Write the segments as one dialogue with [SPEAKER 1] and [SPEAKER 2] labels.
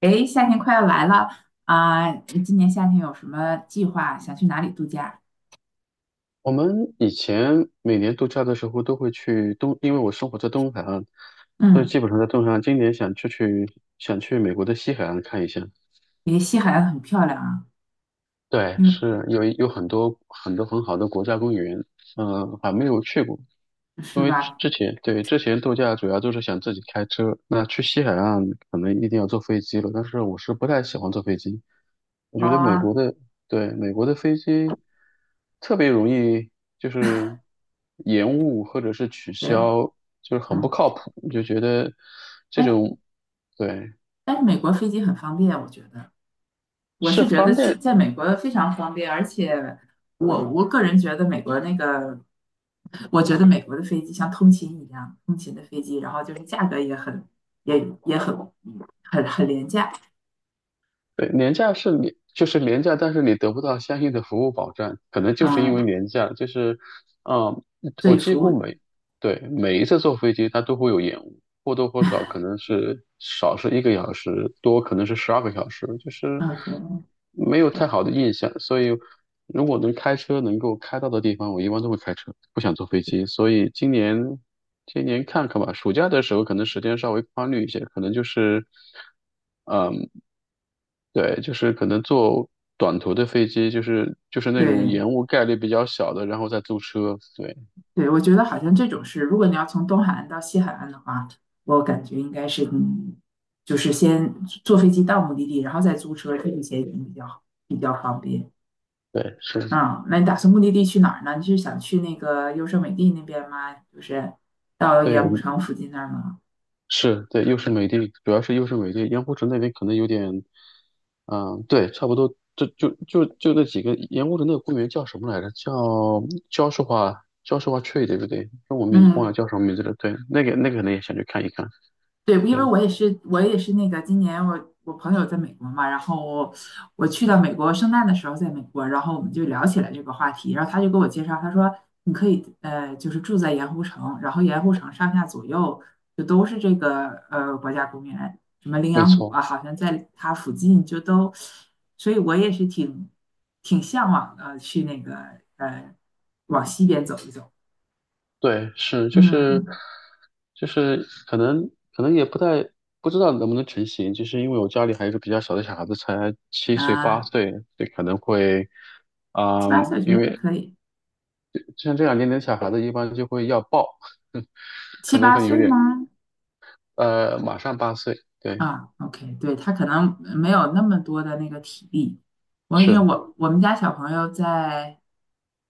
[SPEAKER 1] 诶，夏天快要来了啊。你今年夏天有什么计划？想去哪里度假？
[SPEAKER 2] 我们以前每年度假的时候都会去东，因为我生活在东海岸，所以
[SPEAKER 1] 嗯，
[SPEAKER 2] 基本上在东海岸。今年想出去，想去美国的西海岸看一下。
[SPEAKER 1] 因为西海岸很漂亮啊，
[SPEAKER 2] 对，
[SPEAKER 1] 因为
[SPEAKER 2] 是有很多很多很好的国家公园，嗯、还没有去过。因
[SPEAKER 1] 是
[SPEAKER 2] 为
[SPEAKER 1] 吧？
[SPEAKER 2] 之前度假主要就是想自己开车，那去西海岸可能一定要坐飞机了，但是我是不太喜欢坐飞机。我觉得
[SPEAKER 1] 啊，
[SPEAKER 2] 美国的飞机特别容易就是延误或者是取
[SPEAKER 1] 对，
[SPEAKER 2] 消，就是很不
[SPEAKER 1] 嗯，
[SPEAKER 2] 靠谱，就觉得这
[SPEAKER 1] 但是
[SPEAKER 2] 种。对，
[SPEAKER 1] 但是美国飞机很方便，我觉得。我
[SPEAKER 2] 是
[SPEAKER 1] 是觉得
[SPEAKER 2] 方
[SPEAKER 1] 去
[SPEAKER 2] 便。
[SPEAKER 1] 在美国非常方便，而且我个人觉得美国那个，我觉得美国的飞机像通勤一样，通勤的飞机，然后就是价格也也很廉价。
[SPEAKER 2] 对，廉价是你就是廉价，但是你得不到相应的服务保障，可能就是因为
[SPEAKER 1] 嗯，
[SPEAKER 2] 廉价，就是，嗯，
[SPEAKER 1] 所
[SPEAKER 2] 我
[SPEAKER 1] 以
[SPEAKER 2] 几
[SPEAKER 1] 服
[SPEAKER 2] 乎
[SPEAKER 1] 务。
[SPEAKER 2] 每，对，每一次坐飞机它都会有延误，或多或少可能是少是1个小时，多可能是12个小时，就是
[SPEAKER 1] 嗯，
[SPEAKER 2] 没有太好
[SPEAKER 1] 对
[SPEAKER 2] 的印象。所以如果能开车能够开到的地方，我一般都会开车，不想坐飞机。所以今年看看吧，暑假的时候可能时间稍微宽裕一些，可能就是。嗯。对，就是可能坐短途的飞机，就是那种
[SPEAKER 1] 对。
[SPEAKER 2] 延误概率比较小的，然后再租车。对
[SPEAKER 1] 对，我觉得好像这种是，如果你要从东海岸到西海岸的话，我感觉应该是，就是先坐飞机到目的地，然后再租车，这一些也比较好比较方便。
[SPEAKER 2] 对是。
[SPEAKER 1] 啊，那你打算目的地去哪儿呢？你是想去那个优胜美地那边吗？就是到
[SPEAKER 2] 对
[SPEAKER 1] 盐
[SPEAKER 2] 我
[SPEAKER 1] 湖
[SPEAKER 2] 们
[SPEAKER 1] 城附近那儿吗？
[SPEAKER 2] 是。对，又是美的，主要是又是美的，盐湖城那边可能有点，嗯，对，差不多，就那几个盐湖城那个公园叫什么来着？叫焦树华 Tree 对不对？那我名忘了
[SPEAKER 1] 嗯，
[SPEAKER 2] 叫什么名字了。对，那个那个可能也想去看一看，
[SPEAKER 1] 对，因为
[SPEAKER 2] 是。
[SPEAKER 1] 我也是那个今年我朋友在美国嘛。然后我去到美国圣诞的时候在美国，然后我们就聊起来这个话题，然后他就给我介绍，他说你可以就是住在盐湖城，然后盐湖城上下左右就都是这个国家公园，什么羚
[SPEAKER 2] 没
[SPEAKER 1] 羊谷
[SPEAKER 2] 错。
[SPEAKER 1] 啊，好像在它附近就都。所以我也是挺向往的去那个呃往西边走一走。
[SPEAKER 2] 对，是就是
[SPEAKER 1] 嗯
[SPEAKER 2] 就是可能也不太不知道能不能成型，就是因为我家里还有一个比较小的小孩子，才7岁八
[SPEAKER 1] 啊，
[SPEAKER 2] 岁，所以可能会
[SPEAKER 1] 七
[SPEAKER 2] 啊、
[SPEAKER 1] 八岁我觉
[SPEAKER 2] 因
[SPEAKER 1] 得还
[SPEAKER 2] 为
[SPEAKER 1] 可以，
[SPEAKER 2] 像这样年龄的小孩子一般就会要抱。
[SPEAKER 1] 七
[SPEAKER 2] 可能
[SPEAKER 1] 八
[SPEAKER 2] 会有
[SPEAKER 1] 岁
[SPEAKER 2] 点
[SPEAKER 1] 吗？
[SPEAKER 2] 马上八岁，对，
[SPEAKER 1] 啊，OK，对，他可能没有那么多的那个体力。我因为
[SPEAKER 2] 是。
[SPEAKER 1] 我我们家小朋友在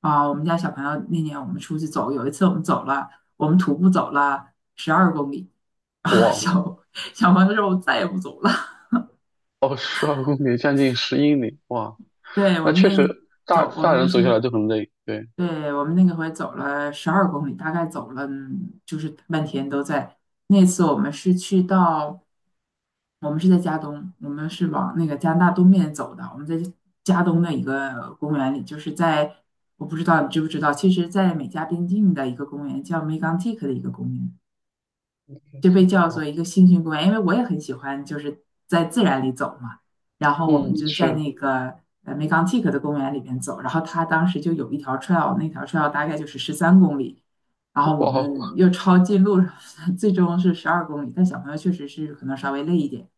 [SPEAKER 1] 啊，我们家小朋友那年我们出去走，有一次我们走了，我们徒步走了十二公里啊，
[SPEAKER 2] 哇。
[SPEAKER 1] 小朋友说我再也不走了。
[SPEAKER 2] 哦，12公里将近10英里，哇，
[SPEAKER 1] 对，
[SPEAKER 2] 那确实大
[SPEAKER 1] 我
[SPEAKER 2] 大
[SPEAKER 1] 们
[SPEAKER 2] 人走下
[SPEAKER 1] 是，
[SPEAKER 2] 来都很累，对，
[SPEAKER 1] 对，我们那个回走了十二公里，大概走了就是半天都在。那次我们是去到。我们是在加东，我们是往那个加拿大东面走的。我们在加东的一个公园里，就是在我不知道你知不知道，其实，在美加边境的一个公园叫 Megantic 的一个公园，就被叫做一个星星公园，因为我也很喜欢就是在自然里走嘛。然后我
[SPEAKER 2] 嗯，
[SPEAKER 1] 们就在
[SPEAKER 2] 是。
[SPEAKER 1] 那个Megantic 的公园里面走，然后它当时就有一条 trail，那条 trail 大概就是13公里。然后我们
[SPEAKER 2] 哇，
[SPEAKER 1] 又抄近路。最终是12公里，但小朋友确实是可能稍微累一点。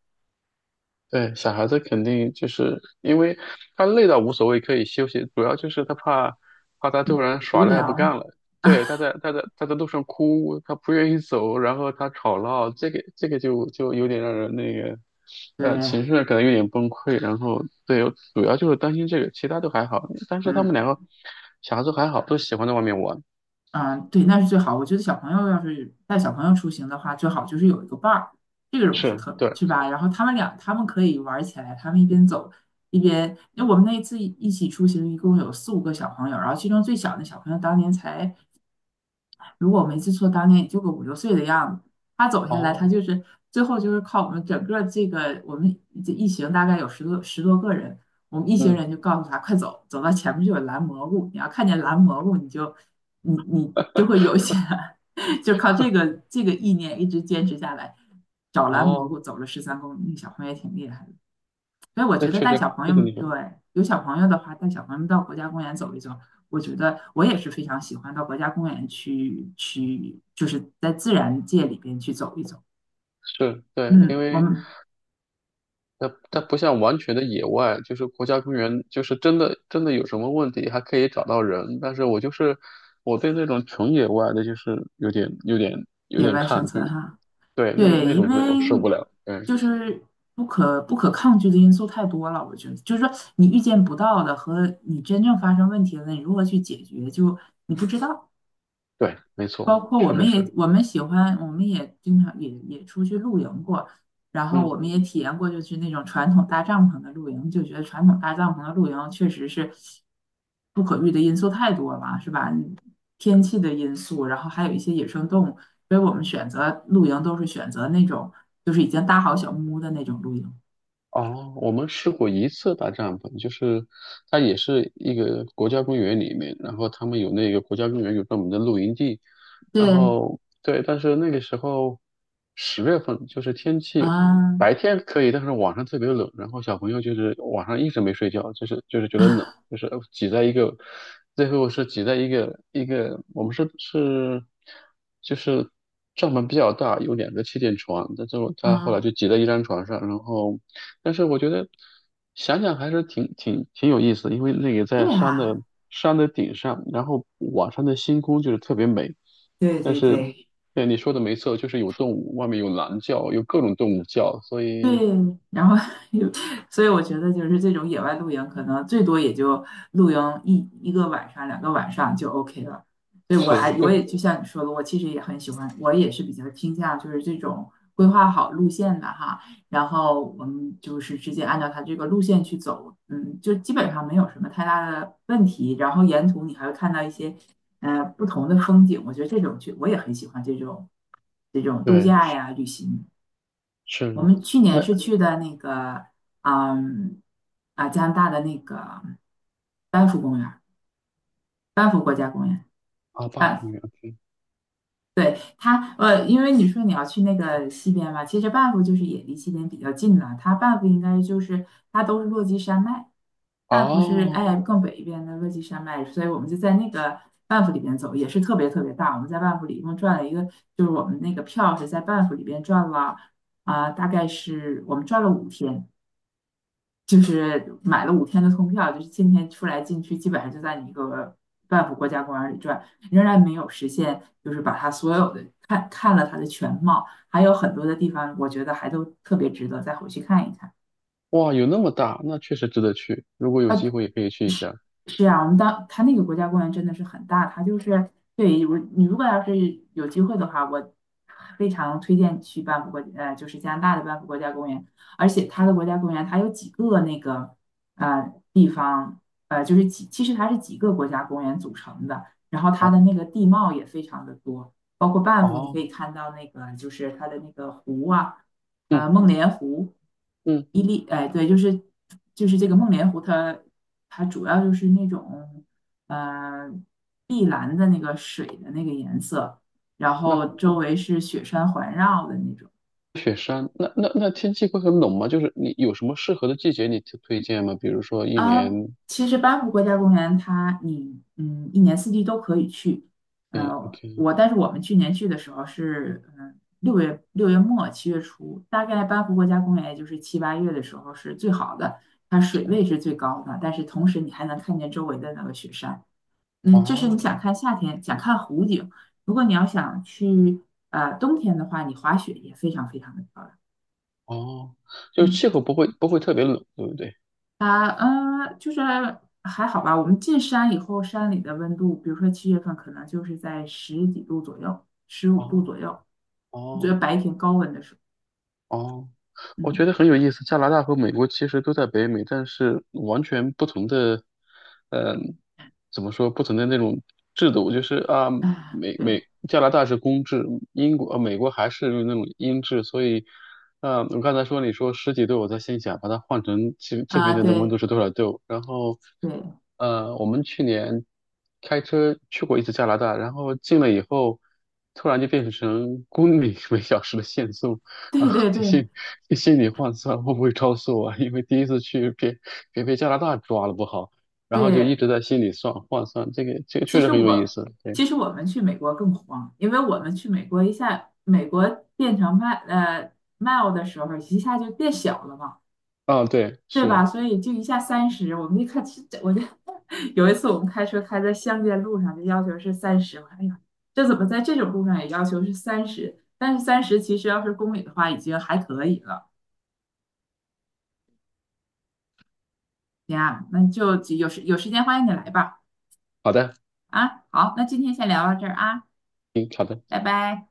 [SPEAKER 2] 对，小孩子肯定就是因为他累到无所谓，可以休息，主要就是他怕他突然耍
[SPEAKER 1] 无
[SPEAKER 2] 赖不
[SPEAKER 1] 聊。
[SPEAKER 2] 干了。对，他在路上哭，他不愿意走，然后他吵闹，这个就有点让人那个，
[SPEAKER 1] 对，
[SPEAKER 2] 呃，情绪上可能有点崩溃。然后对，主要就是担心这个，其他都还好。但是他们两个
[SPEAKER 1] 嗯
[SPEAKER 2] 小孩子还好，都喜欢在外面玩。
[SPEAKER 1] 嗯，对，那是最好。我觉得小朋友要是带小朋友出行的话，最好就是有一个伴儿，这个不是
[SPEAKER 2] 是，
[SPEAKER 1] 特
[SPEAKER 2] 对。
[SPEAKER 1] 是吧？然后他们俩他们可以玩起来，他们一边走一边，因为我们那一次一起出行，一共有四五个小朋友，然后其中最小的小朋友当年才如果我没记错，当年也就个五六岁的样子。他走下来，他
[SPEAKER 2] 哦。
[SPEAKER 1] 就是最后就是靠我们整个这个我们这一行大概有十多个人，我们一行
[SPEAKER 2] 嗯。
[SPEAKER 1] 人就告诉他快走，走到前面就有蓝蘑菇，你要看见蓝蘑菇，你就会有一些 就靠这个意念一直坚持下来，找蓝蘑
[SPEAKER 2] 哦，
[SPEAKER 1] 菇走了十三公里，那小朋友也挺厉害的。所以我
[SPEAKER 2] 那
[SPEAKER 1] 觉得
[SPEAKER 2] 确
[SPEAKER 1] 带
[SPEAKER 2] 实，
[SPEAKER 1] 小朋
[SPEAKER 2] 这个
[SPEAKER 1] 友，
[SPEAKER 2] 你
[SPEAKER 1] 对，
[SPEAKER 2] 说
[SPEAKER 1] 有小朋友的话，带小朋友到国家公园走一走，我觉得我也是非常喜欢到国家公园去，就是在自然界里边去走一走。
[SPEAKER 2] 是。对，因
[SPEAKER 1] 嗯，我
[SPEAKER 2] 为。
[SPEAKER 1] 们
[SPEAKER 2] 它它不像完全的野外，就是国家公园，就是真的真的有什么问题还可以找到人。但是我就是我对那种纯野外的，就是有点有点有
[SPEAKER 1] 野
[SPEAKER 2] 点
[SPEAKER 1] 外生
[SPEAKER 2] 抗拒。
[SPEAKER 1] 存哈。
[SPEAKER 2] 对，那
[SPEAKER 1] 对，
[SPEAKER 2] 那
[SPEAKER 1] 因
[SPEAKER 2] 种就我受
[SPEAKER 1] 为
[SPEAKER 2] 不了。嗯，
[SPEAKER 1] 就是不可抗拒的因素太多了，我觉得就是说你预见不到的和你真正发生问题了，你如何去解决，就你不知道。
[SPEAKER 2] 对，没
[SPEAKER 1] 包
[SPEAKER 2] 错，
[SPEAKER 1] 括我
[SPEAKER 2] 确实
[SPEAKER 1] 们
[SPEAKER 2] 是。
[SPEAKER 1] 也我们喜欢，我们也经常也出去露营过，然后我
[SPEAKER 2] 嗯。
[SPEAKER 1] 们也体验过就是那种传统搭帐篷的露营，就觉得传统搭帐篷的露营确实是不可遇的因素太多了，是吧？天气的因素，然后还有一些野生动物，所以我们选择露营都是选择那种就是已经搭好小木屋的那种露营。
[SPEAKER 2] 哦，我们试过一次搭帐篷，就是它也是一个国家公园里面，然后他们有那个国家公园有专门的露营地。然
[SPEAKER 1] 对，
[SPEAKER 2] 后对，但是那个时候10月份就是天气
[SPEAKER 1] 啊
[SPEAKER 2] 白天可以，但是晚上特别冷，然后小朋友就是晚上一直没睡觉，就是觉得冷，就是挤在一个，最后是挤在一个一个，我们是就是帐篷比较大，有两个气垫床，但是我他后来
[SPEAKER 1] 啊，
[SPEAKER 2] 就挤在一张床上，然后但是我觉得想想还是挺有意思的因为那个在
[SPEAKER 1] 对
[SPEAKER 2] 山的
[SPEAKER 1] 啊，
[SPEAKER 2] 山的顶上，然后晚上的星空就是特别美。
[SPEAKER 1] 对
[SPEAKER 2] 但
[SPEAKER 1] 对
[SPEAKER 2] 是，
[SPEAKER 1] 对
[SPEAKER 2] 对你说的没错，就是有动物，外面有狼叫，有各种动物叫，所以
[SPEAKER 1] 对，然后所以我觉得就是这种野外露营，可能最多也就露营一个晚上、两个晚上就 OK 了。对，
[SPEAKER 2] 是，
[SPEAKER 1] 我
[SPEAKER 2] 就
[SPEAKER 1] 也就像你说的，我其实也很喜欢，我也是比较倾向就是这种规划好路线的哈，然后我们就是直接按照它这个路线去走，就基本上没有什么太大的问题。然后沿途你还会看到一些不同的风景，我觉得这种去我也很喜欢这种度
[SPEAKER 2] 对，
[SPEAKER 1] 假
[SPEAKER 2] 是
[SPEAKER 1] 呀旅行。我
[SPEAKER 2] 是，
[SPEAKER 1] 们去
[SPEAKER 2] 那
[SPEAKER 1] 年是去的那个，嗯，加拿大的那个班夫公园儿班夫国家公园。
[SPEAKER 2] 啊，巴斯公
[SPEAKER 1] 啊，
[SPEAKER 2] 园，OK,
[SPEAKER 1] 对。因为你说你要去那个西边嘛，其实班夫就是也离西边比较近了。班夫应该就是它都是落基山脉，班夫是
[SPEAKER 2] 哦，
[SPEAKER 1] 更北一边的落基山脉，所以我们就在那个班夫里边走，也是特别特别大。我们在班夫里一共转了一个，就是我们那个票是在班夫里边转了大概是我们转了五天。就是买了五天的通票，就是今天出来进去，基本上就在你一个半幅国家公园里转，仍然没有实现，就是把它所有的看看了它的全貌，还有很多的地方，我觉得还都特别值得再回去看一看。
[SPEAKER 2] 哇，有那么大，那确实值得去，如果有
[SPEAKER 1] 啊，
[SPEAKER 2] 机会也可以去一下。
[SPEAKER 1] 是啊，我们当它那个国家公园真的是很大，它就是对我你如果要是有机会的话，我非常推荐去班夫国呃就是加拿大的班夫国家公园，而且它的国家公园它有几个那个地方就是其实它是几个国家公园组成的，然后它的那个地貌也非常的多，包括班夫你可
[SPEAKER 2] 哦，
[SPEAKER 1] 以看到那个就是它的那个湖啊。
[SPEAKER 2] 嗯
[SPEAKER 1] 梦莲湖、
[SPEAKER 2] 嗯，
[SPEAKER 1] 伊利，哎，对，就是这个梦莲湖它，主要就是那种呃碧蓝的那个水的那个颜色，然
[SPEAKER 2] 那
[SPEAKER 1] 后周
[SPEAKER 2] 那
[SPEAKER 1] 围是雪山环绕的那种。
[SPEAKER 2] 雪山，那天气会很冷吗？就是你有什么适合的季节你推荐吗？比如说一
[SPEAKER 1] 啊，
[SPEAKER 2] 年，
[SPEAKER 1] 其实班夫国家公园你一年四季都可以去。
[SPEAKER 2] 诶，OK,
[SPEAKER 1] 但是我们去年去的时候是6月末7月初，大概班夫国家公园也就是七八月的时候是最好的，它
[SPEAKER 2] 这
[SPEAKER 1] 水
[SPEAKER 2] 边，
[SPEAKER 1] 位是最高的，但是同时你还能看见周围的那个雪山。嗯，这是
[SPEAKER 2] 哦
[SPEAKER 1] 你想看夏天想看湖景。如果你要想去冬天的话，你滑雪也非常非常的漂亮。
[SPEAKER 2] 哦，就是气
[SPEAKER 1] 嗯。
[SPEAKER 2] 候不会特别冷，对不对？
[SPEAKER 1] 啊，就是还好吧。我们进山以后，山里的温度，比如说7月份，可能就是在十几度左右，15度
[SPEAKER 2] 哦。
[SPEAKER 1] 左右，觉得
[SPEAKER 2] 哦。
[SPEAKER 1] 白天高温的时候。
[SPEAKER 2] 哦，我觉
[SPEAKER 1] 嗯，
[SPEAKER 2] 得很有意思。加拿大和美国其实都在北美，但是完全不同的，嗯、怎么说，不同的那种制度，就是啊，
[SPEAKER 1] 啊，
[SPEAKER 2] 美
[SPEAKER 1] 对，
[SPEAKER 2] 美加拿大是公制，美国还是那种英制，所以，啊，我刚才说你说十几度，我在心想把它换成这这
[SPEAKER 1] 啊，
[SPEAKER 2] 边的那温度
[SPEAKER 1] 对，
[SPEAKER 2] 是多少度，然后，
[SPEAKER 1] 对，
[SPEAKER 2] 呃，我们去年开车去过一次加拿大，然后进了以后，突然就变成公里每小时的限速。啊，
[SPEAKER 1] 对，对，
[SPEAKER 2] 这
[SPEAKER 1] 对，
[SPEAKER 2] 心这心理换算会不会超速啊？因为第一次去别被加拿大抓了不好，然后就一
[SPEAKER 1] 对。
[SPEAKER 2] 直在心里算换算，这个这个确
[SPEAKER 1] 其
[SPEAKER 2] 实
[SPEAKER 1] 实
[SPEAKER 2] 很有意
[SPEAKER 1] 我，
[SPEAKER 2] 思。对，
[SPEAKER 1] 其实我们去美国更慌，因为我们去美国一下，美国变成mile 的时候，一下就变小了嘛，
[SPEAKER 2] 啊，对，
[SPEAKER 1] 对
[SPEAKER 2] 是。
[SPEAKER 1] 吧？所以就一下三十，我们一看，这这我就有一次我们开车开在乡间路上，就要求是三十。我说，哎呀，这怎么在这种路上也要求是三十？但是三十其实要是公里的话，已经还可以了。行啊，那就有时间欢迎你来吧。
[SPEAKER 2] 好的，
[SPEAKER 1] 啊，好，那今天先聊到这儿啊。
[SPEAKER 2] 嗯，好的。
[SPEAKER 1] 拜拜。